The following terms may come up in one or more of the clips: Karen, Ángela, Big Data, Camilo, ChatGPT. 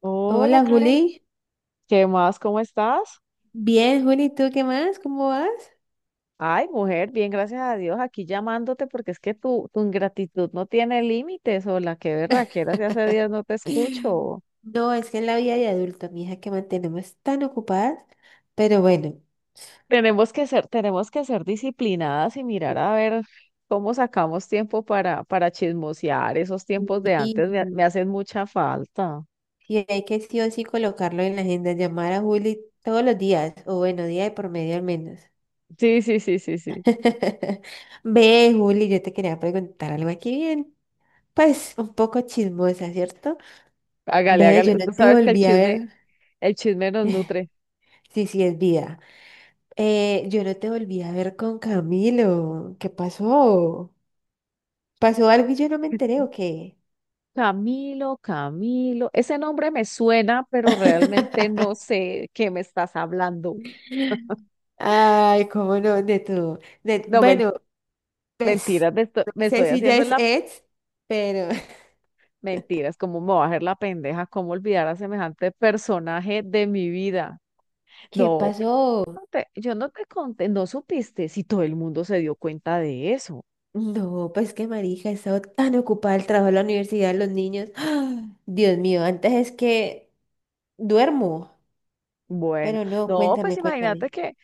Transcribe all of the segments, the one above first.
Hola, Hola Karen, Juli, ¿qué más? ¿Cómo estás? bien Juli, ¿tú qué más? ¿Cómo vas? Ay, mujer, bien, gracias a Dios, aquí llamándote porque es que tu ingratitud no tiene límites. Hola, qué berraquera, si hace días no te escucho. No, es que en la vida de adulto, mija, que mantenemos tan ocupadas, pero bueno, Tenemos que ser disciplinadas y mirar a ver cómo sacamos tiempo para chismosear. Esos tiempos de y, antes me hacen mucha falta. y hay que sí o sí colocarlo en la agenda, llamar a Juli todos los días, o bueno, día de por medio al menos. Sí, sí, sí, sí, sí. Ve, Juli, yo te quería preguntar algo aquí bien, pues un poco chismosa, ¿cierto? Hágale, Ve, hágale. yo no Tú te sabes que el volví a chisme, ver, el chisme nos nutre. sí, sí es vida. Yo no te volví a ver con Camilo. ¿Qué pasó? ¿Pasó algo y yo no me enteré o qué? Camilo, Camilo, ese nombre me suena, pero realmente no sé qué me estás hablando. Ay, cómo no, Neto. No, Bueno, pues mentiras, no me sé estoy si ya haciendo es la ex, pero mentiras, cómo me voy a hacer la pendeja, cómo olvidar a semejante personaje de mi vida. ¿qué No, pues, pasó? yo no te conté, no supiste, si todo el mundo se dio cuenta de eso. No, pues que marica, he estado tan ocupada el trabajo, la universidad, los niños. Dios mío, antes es que duermo, Bueno, pero no, no, pues cuéntame, imagínate cuéntame. que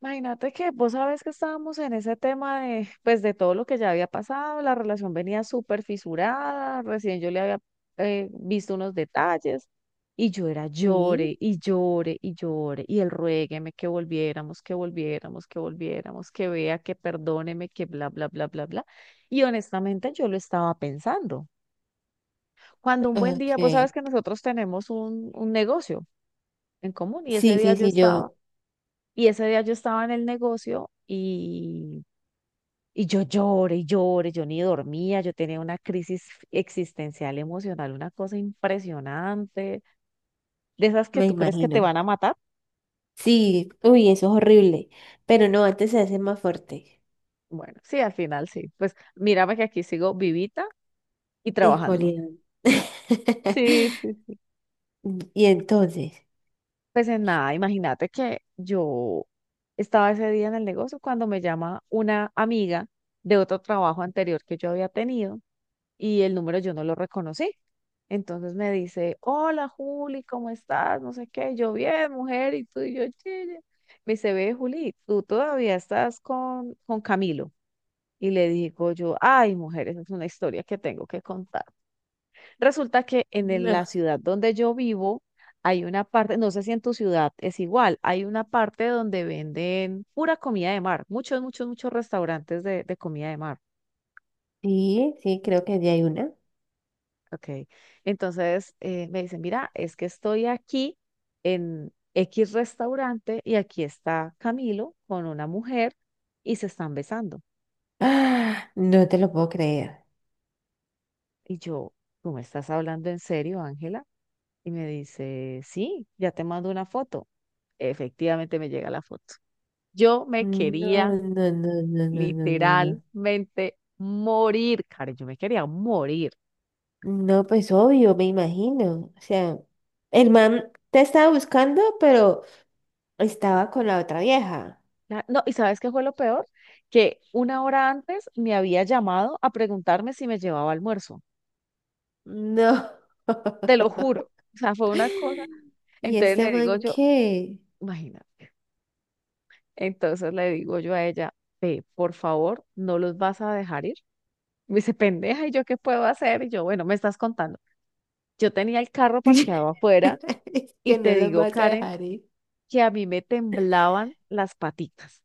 Imagínate que vos sabes que estábamos en ese tema de, pues, de todo lo que ya había pasado. La relación venía súper fisurada, recién yo le había visto unos detalles, y yo era llore Sí, y llore y llore, y él ruégueme que volviéramos, que volviéramos, que volviéramos, que vea, que perdóneme, que bla, bla, bla, bla, bla. Y honestamente yo lo estaba pensando. Cuando un buen día, vos sabes ok. que nosotros tenemos un negocio en común, y Sí, sí, sí, yo ese día yo estaba en el negocio, y yo lloré y lloré, yo ni dormía, yo tenía una crisis existencial emocional, una cosa impresionante, de esas que me tú crees que te imagino. van a matar. Sí, uy, eso es horrible. Pero no, antes se hace más fuerte. Bueno, sí, al final sí. Pues mírame que aquí sigo vivita y Y trabajando. Julián. Sí, sí, sí. Y entonces, Pues en nada, imagínate que yo estaba ese día en el negocio cuando me llama una amiga de otro trabajo anterior que yo había tenido, y el número yo no lo reconocí. Entonces me dice, hola Juli, ¿cómo estás? No sé qué, yo bien, mujer, y tú y yo, chile. Me dice, ve Juli, tú todavía estás con Camilo. Y le digo yo, ay mujer, esa es una historia que tengo que contar. Resulta que en el- no. la ciudad donde yo vivo hay una parte, no sé si en tu ciudad es igual, hay una parte donde venden pura comida de mar, muchos, muchos, muchos restaurantes de comida de mar. Sí, sí, creo que allí hay una. Ok, entonces me dicen, mira, es que estoy aquí en X restaurante y aquí está Camilo con una mujer, y se están besando. ¡Ah! No te lo puedo creer. Y yo, ¿tú me estás hablando en serio, Ángela? Y me dice, sí, ya te mando una foto. Efectivamente me llega la foto. Yo No, me no, quería no, no, no, no, no, no. literalmente morir, Karen, yo me quería morir. No, pues obvio, me imagino. O sea, el man te estaba buscando, pero estaba con la otra vieja. Ya, no, ¿y sabes qué fue lo peor? Que una hora antes me había llamado a preguntarme si me llevaba almuerzo. No. Te lo juro. O sea, fue una cosa. ¿Y Entonces este le digo man yo, qué? imagínate. Entonces le digo yo a ella: "Ve, por favor, no los vas a dejar ir." Me dice, pendeja, ¿y yo qué puedo hacer? Y yo, bueno, me estás contando. Yo tenía el carro parqueado afuera, Es y que te no lo digo, vas a Karen, dejar ir. que a mí me temblaban las patitas,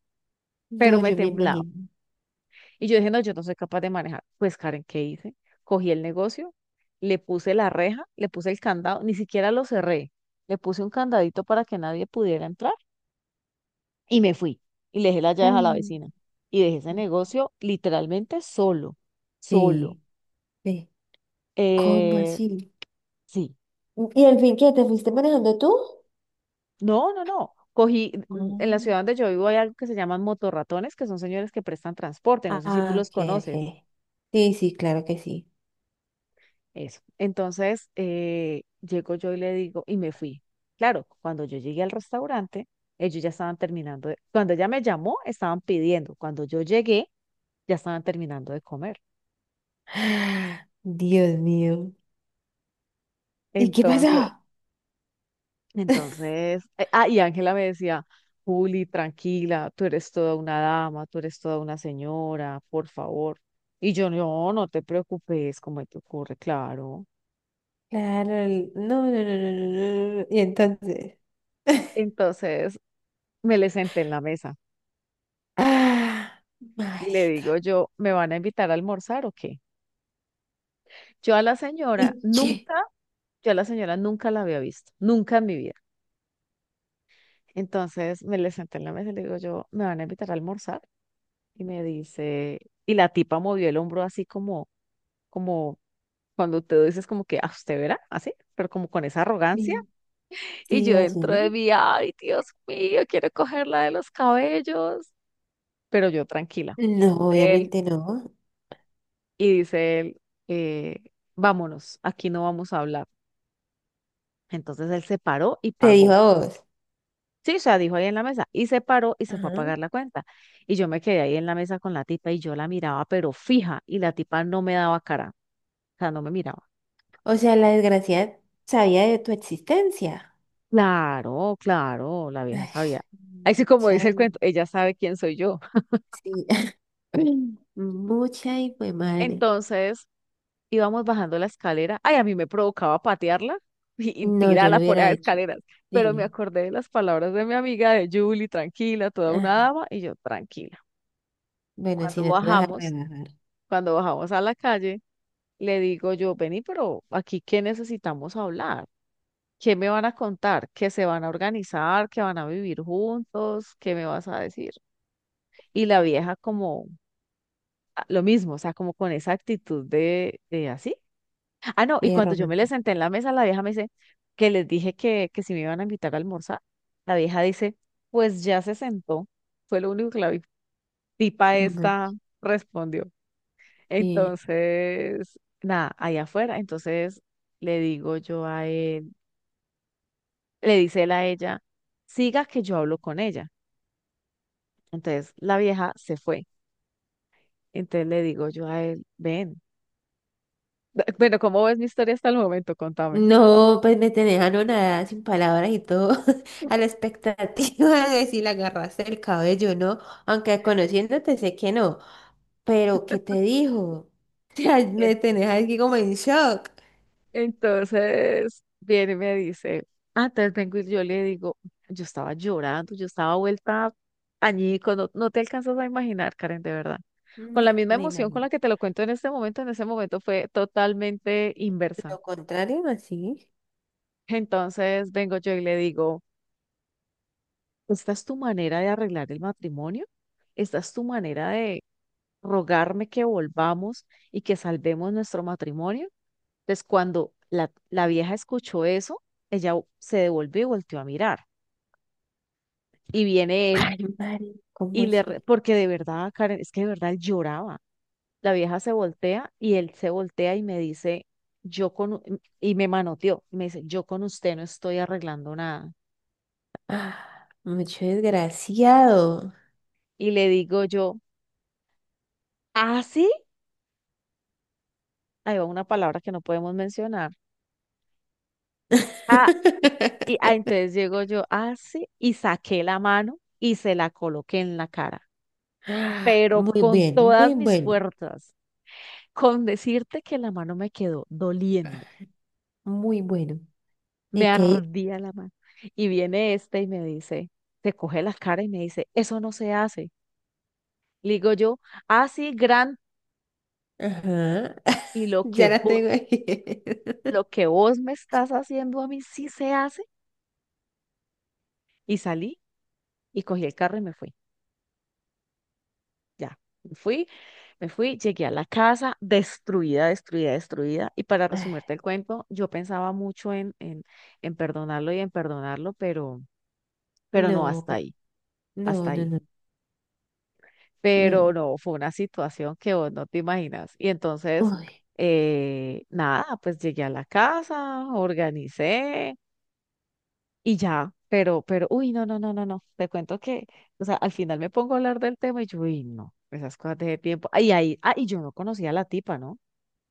pero No, me yo me temblaban. imagino. Y yo dije, no, yo no soy capaz de manejar. Pues Karen, ¿qué hice? Cogí el negocio, le puse la reja, le puse el candado, ni siquiera lo cerré. Le puse un candadito para que nadie pudiera entrar, y me fui. Y le dejé las llaves a la Mm. vecina. Y dejé ese negocio literalmente solo, solo. Sí, ve. ¿Cómo Eh, así? sí, ¿Y al fin qué? ¿Te fuiste manejando tú? no, no, no. Cogí, en la Mm. ciudad donde yo vivo hay algo que se llaman motorratones, que son señores que prestan transporte. No sé si tú Ah, los ok, conoces. ok. Sí, sí, claro que sí. Eso. Entonces, llego yo y me fui. Claro, cuando yo llegué al restaurante, ellos ya estaban cuando ella me llamó, estaban pidiendo. Cuando yo llegué, ya estaban terminando de comer. Ah, Dios mío. ¿Y qué Entonces, pasó? entonces, y Ángela me decía, Juli, tranquila, tú eres toda una dama, tú eres toda una señora, por favor. Y yo, no, no te preocupes, como te ocurre, claro. Claro, el- no, no, no, no, no, no, no. Y entonces, Entonces, me le senté en la mesa ah, y le marica. digo yo, ¿me van a invitar a almorzar o qué? Yo a la señora ¿Y qué? nunca, yo a la señora nunca la había visto, nunca en mi vida. Entonces me le senté en la mesa y le digo yo, ¿me van a invitar a almorzar? Y me dice, y la tipa movió el hombro así como cuando te dices como que, a usted verá, así, pero como con esa arrogancia. Sí, Y sí, yo dentro de así. mí, ay, Dios mío, quiero cogerla de los cabellos. Pero yo tranquila. No, Él, obviamente no. y dice él, eh, vámonos, aquí no vamos a hablar. Entonces él se paró y Te dijo pagó. a vos. Sí, o sea, dijo ahí en la mesa y se paró y se fue a Ajá. pagar la cuenta. Y yo me quedé ahí en la mesa con la tipa, y yo la miraba, pero fija, y la tipa no me daba cara, o sea, no me miraba. O sea, la desgracia sabía de tu existencia. Claro, claro, la vieja Ay, sabía. Así como mucha, dice el cuento, ella sabe quién soy yo. sí. Mucha y fue madre. Entonces íbamos bajando la escalera. Ay, a mí me provocaba patearla y No, yo lo tirarla por hubiera las hecho. escaleras. Pero me Sí. acordé de las palabras de mi amiga, de Julie, tranquila, toda una Ah, dama, y yo tranquila. bueno, si Cuando no te ibas a bajamos, rebajar. cuando bajamos a la calle, le digo yo, vení, pero aquí qué necesitamos hablar, qué me van a contar, que se van a organizar, que van a vivir juntos, qué me vas a decir. Y la vieja como lo mismo, o sea, como con esa actitud de así. Ah, no, y cuando yo me le Romántico. senté en la mesa, la vieja me dice que les dije que si me iban a invitar a almorzar, la vieja dice, pues ya se sentó, fue lo único que tipa Ujú, esta respondió. sí. Entonces, nada, allá afuera. Entonces le digo yo a él, le dice él a ella, siga que yo hablo con ella. Entonces la vieja se fue. Entonces le digo yo a él, ven. Bueno, ¿cómo ves mi historia hasta el momento? Contame. No, pues me tenés anonadada sin palabras y todo, a la expectativa de si le agarraste el cabello, ¿no? Aunque conociéndote sé que no, pero ¿qué te dijo? O sea, me tenés aquí como en shock. Entonces viene y me dice, entonces vengo y yo le digo, yo estaba llorando, yo estaba vuelta añico, no, no te alcanzas a imaginar, Karen, de verdad. Con la No, misma me emoción con la imagino. que te lo cuento en este momento, en ese momento fue totalmente inversa. Lo contrario, así. Entonces vengo yo y le digo, ¿esta es tu manera de arreglar el matrimonio? ¿Esta es tu manera de rogarme que volvamos y que salvemos nuestro matrimonio? Entonces, cuando la vieja escuchó eso, ella se devolvió y volteó a mirar. Y viene él Ay, madre, ¿cómo así? porque de verdad, Karen, es que de verdad él lloraba. La vieja se voltea y él se voltea y me dice, y me manoteó, y me dice, yo con usted no estoy arreglando nada. Ah, mucho desgraciado. Y le digo yo, ¿ah, sí? Ahí va una palabra que no podemos mencionar. Ah, entonces llego yo, ah, sí, y saqué la mano y se la coloqué en la cara, Ah, pero muy con bien, todas muy mis bueno, fuerzas. Con decirte que la mano me quedó doliendo, muy bueno. me ¿Y qué? ardía la mano. Y viene este y me dice, te coge la cara y me dice, eso no se hace. Le digo yo, así gran, Ajá. y lo que Ya la vos, tengo ahí. lo que vos me estás haciendo a mí sí se hace. Y salí y cogí el carro y me fui. Ya, me fui, llegué a la casa destruida, destruida, destruida. Y para resumirte Ah, el cuento, yo pensaba mucho en perdonarlo, y en perdonarlo, pero no no, hasta pe- ahí, no, hasta no, ahí. no, Pero no. no, fue una situación que vos no te imaginas. Y entonces, Uy, nada, pues llegué a la casa, organicé y ya. Pero, uy, no, no, no, no, no. Te cuento que, o sea, al final me pongo a hablar del tema, y yo, uy, no, esas cosas de tiempo. Ay, ahí y yo no conocía a la tipa, ¿no?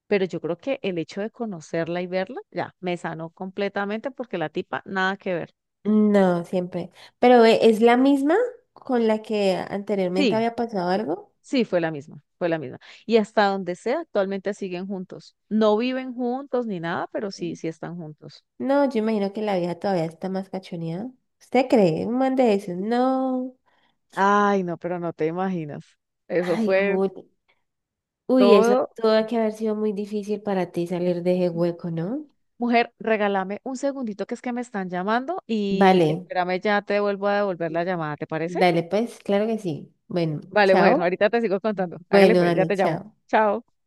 Pero yo creo que el hecho de conocerla y verla, ya, me sanó completamente, porque la tipa, nada que ver. no, siempre. Pero ¿es la misma con la que anteriormente Sí, había pasado algo? sí, fue la misma, fue la misma. Y hasta donde sea, actualmente siguen juntos. No viven juntos ni nada, pero sí, sí están juntos. No, yo imagino que la vieja todavía está más cachoneada. ¿Usted cree? Un man de esos. No. Ay, no, pero no te imaginas. Eso Ay, fue Juli. Uy, eso todo. tuvo que haber sido muy difícil para ti salir de ese hueco, ¿no? Mujer, regálame un segundito que es que me están llamando, y Vale. espérame, ya te vuelvo a devolver la llamada, ¿te parece? Dale, pues, claro que sí. Bueno, Vale, mujer, chao. ahorita te sigo contando. Hágale Bueno, pues, ya dale, te llamo. chao. Chao.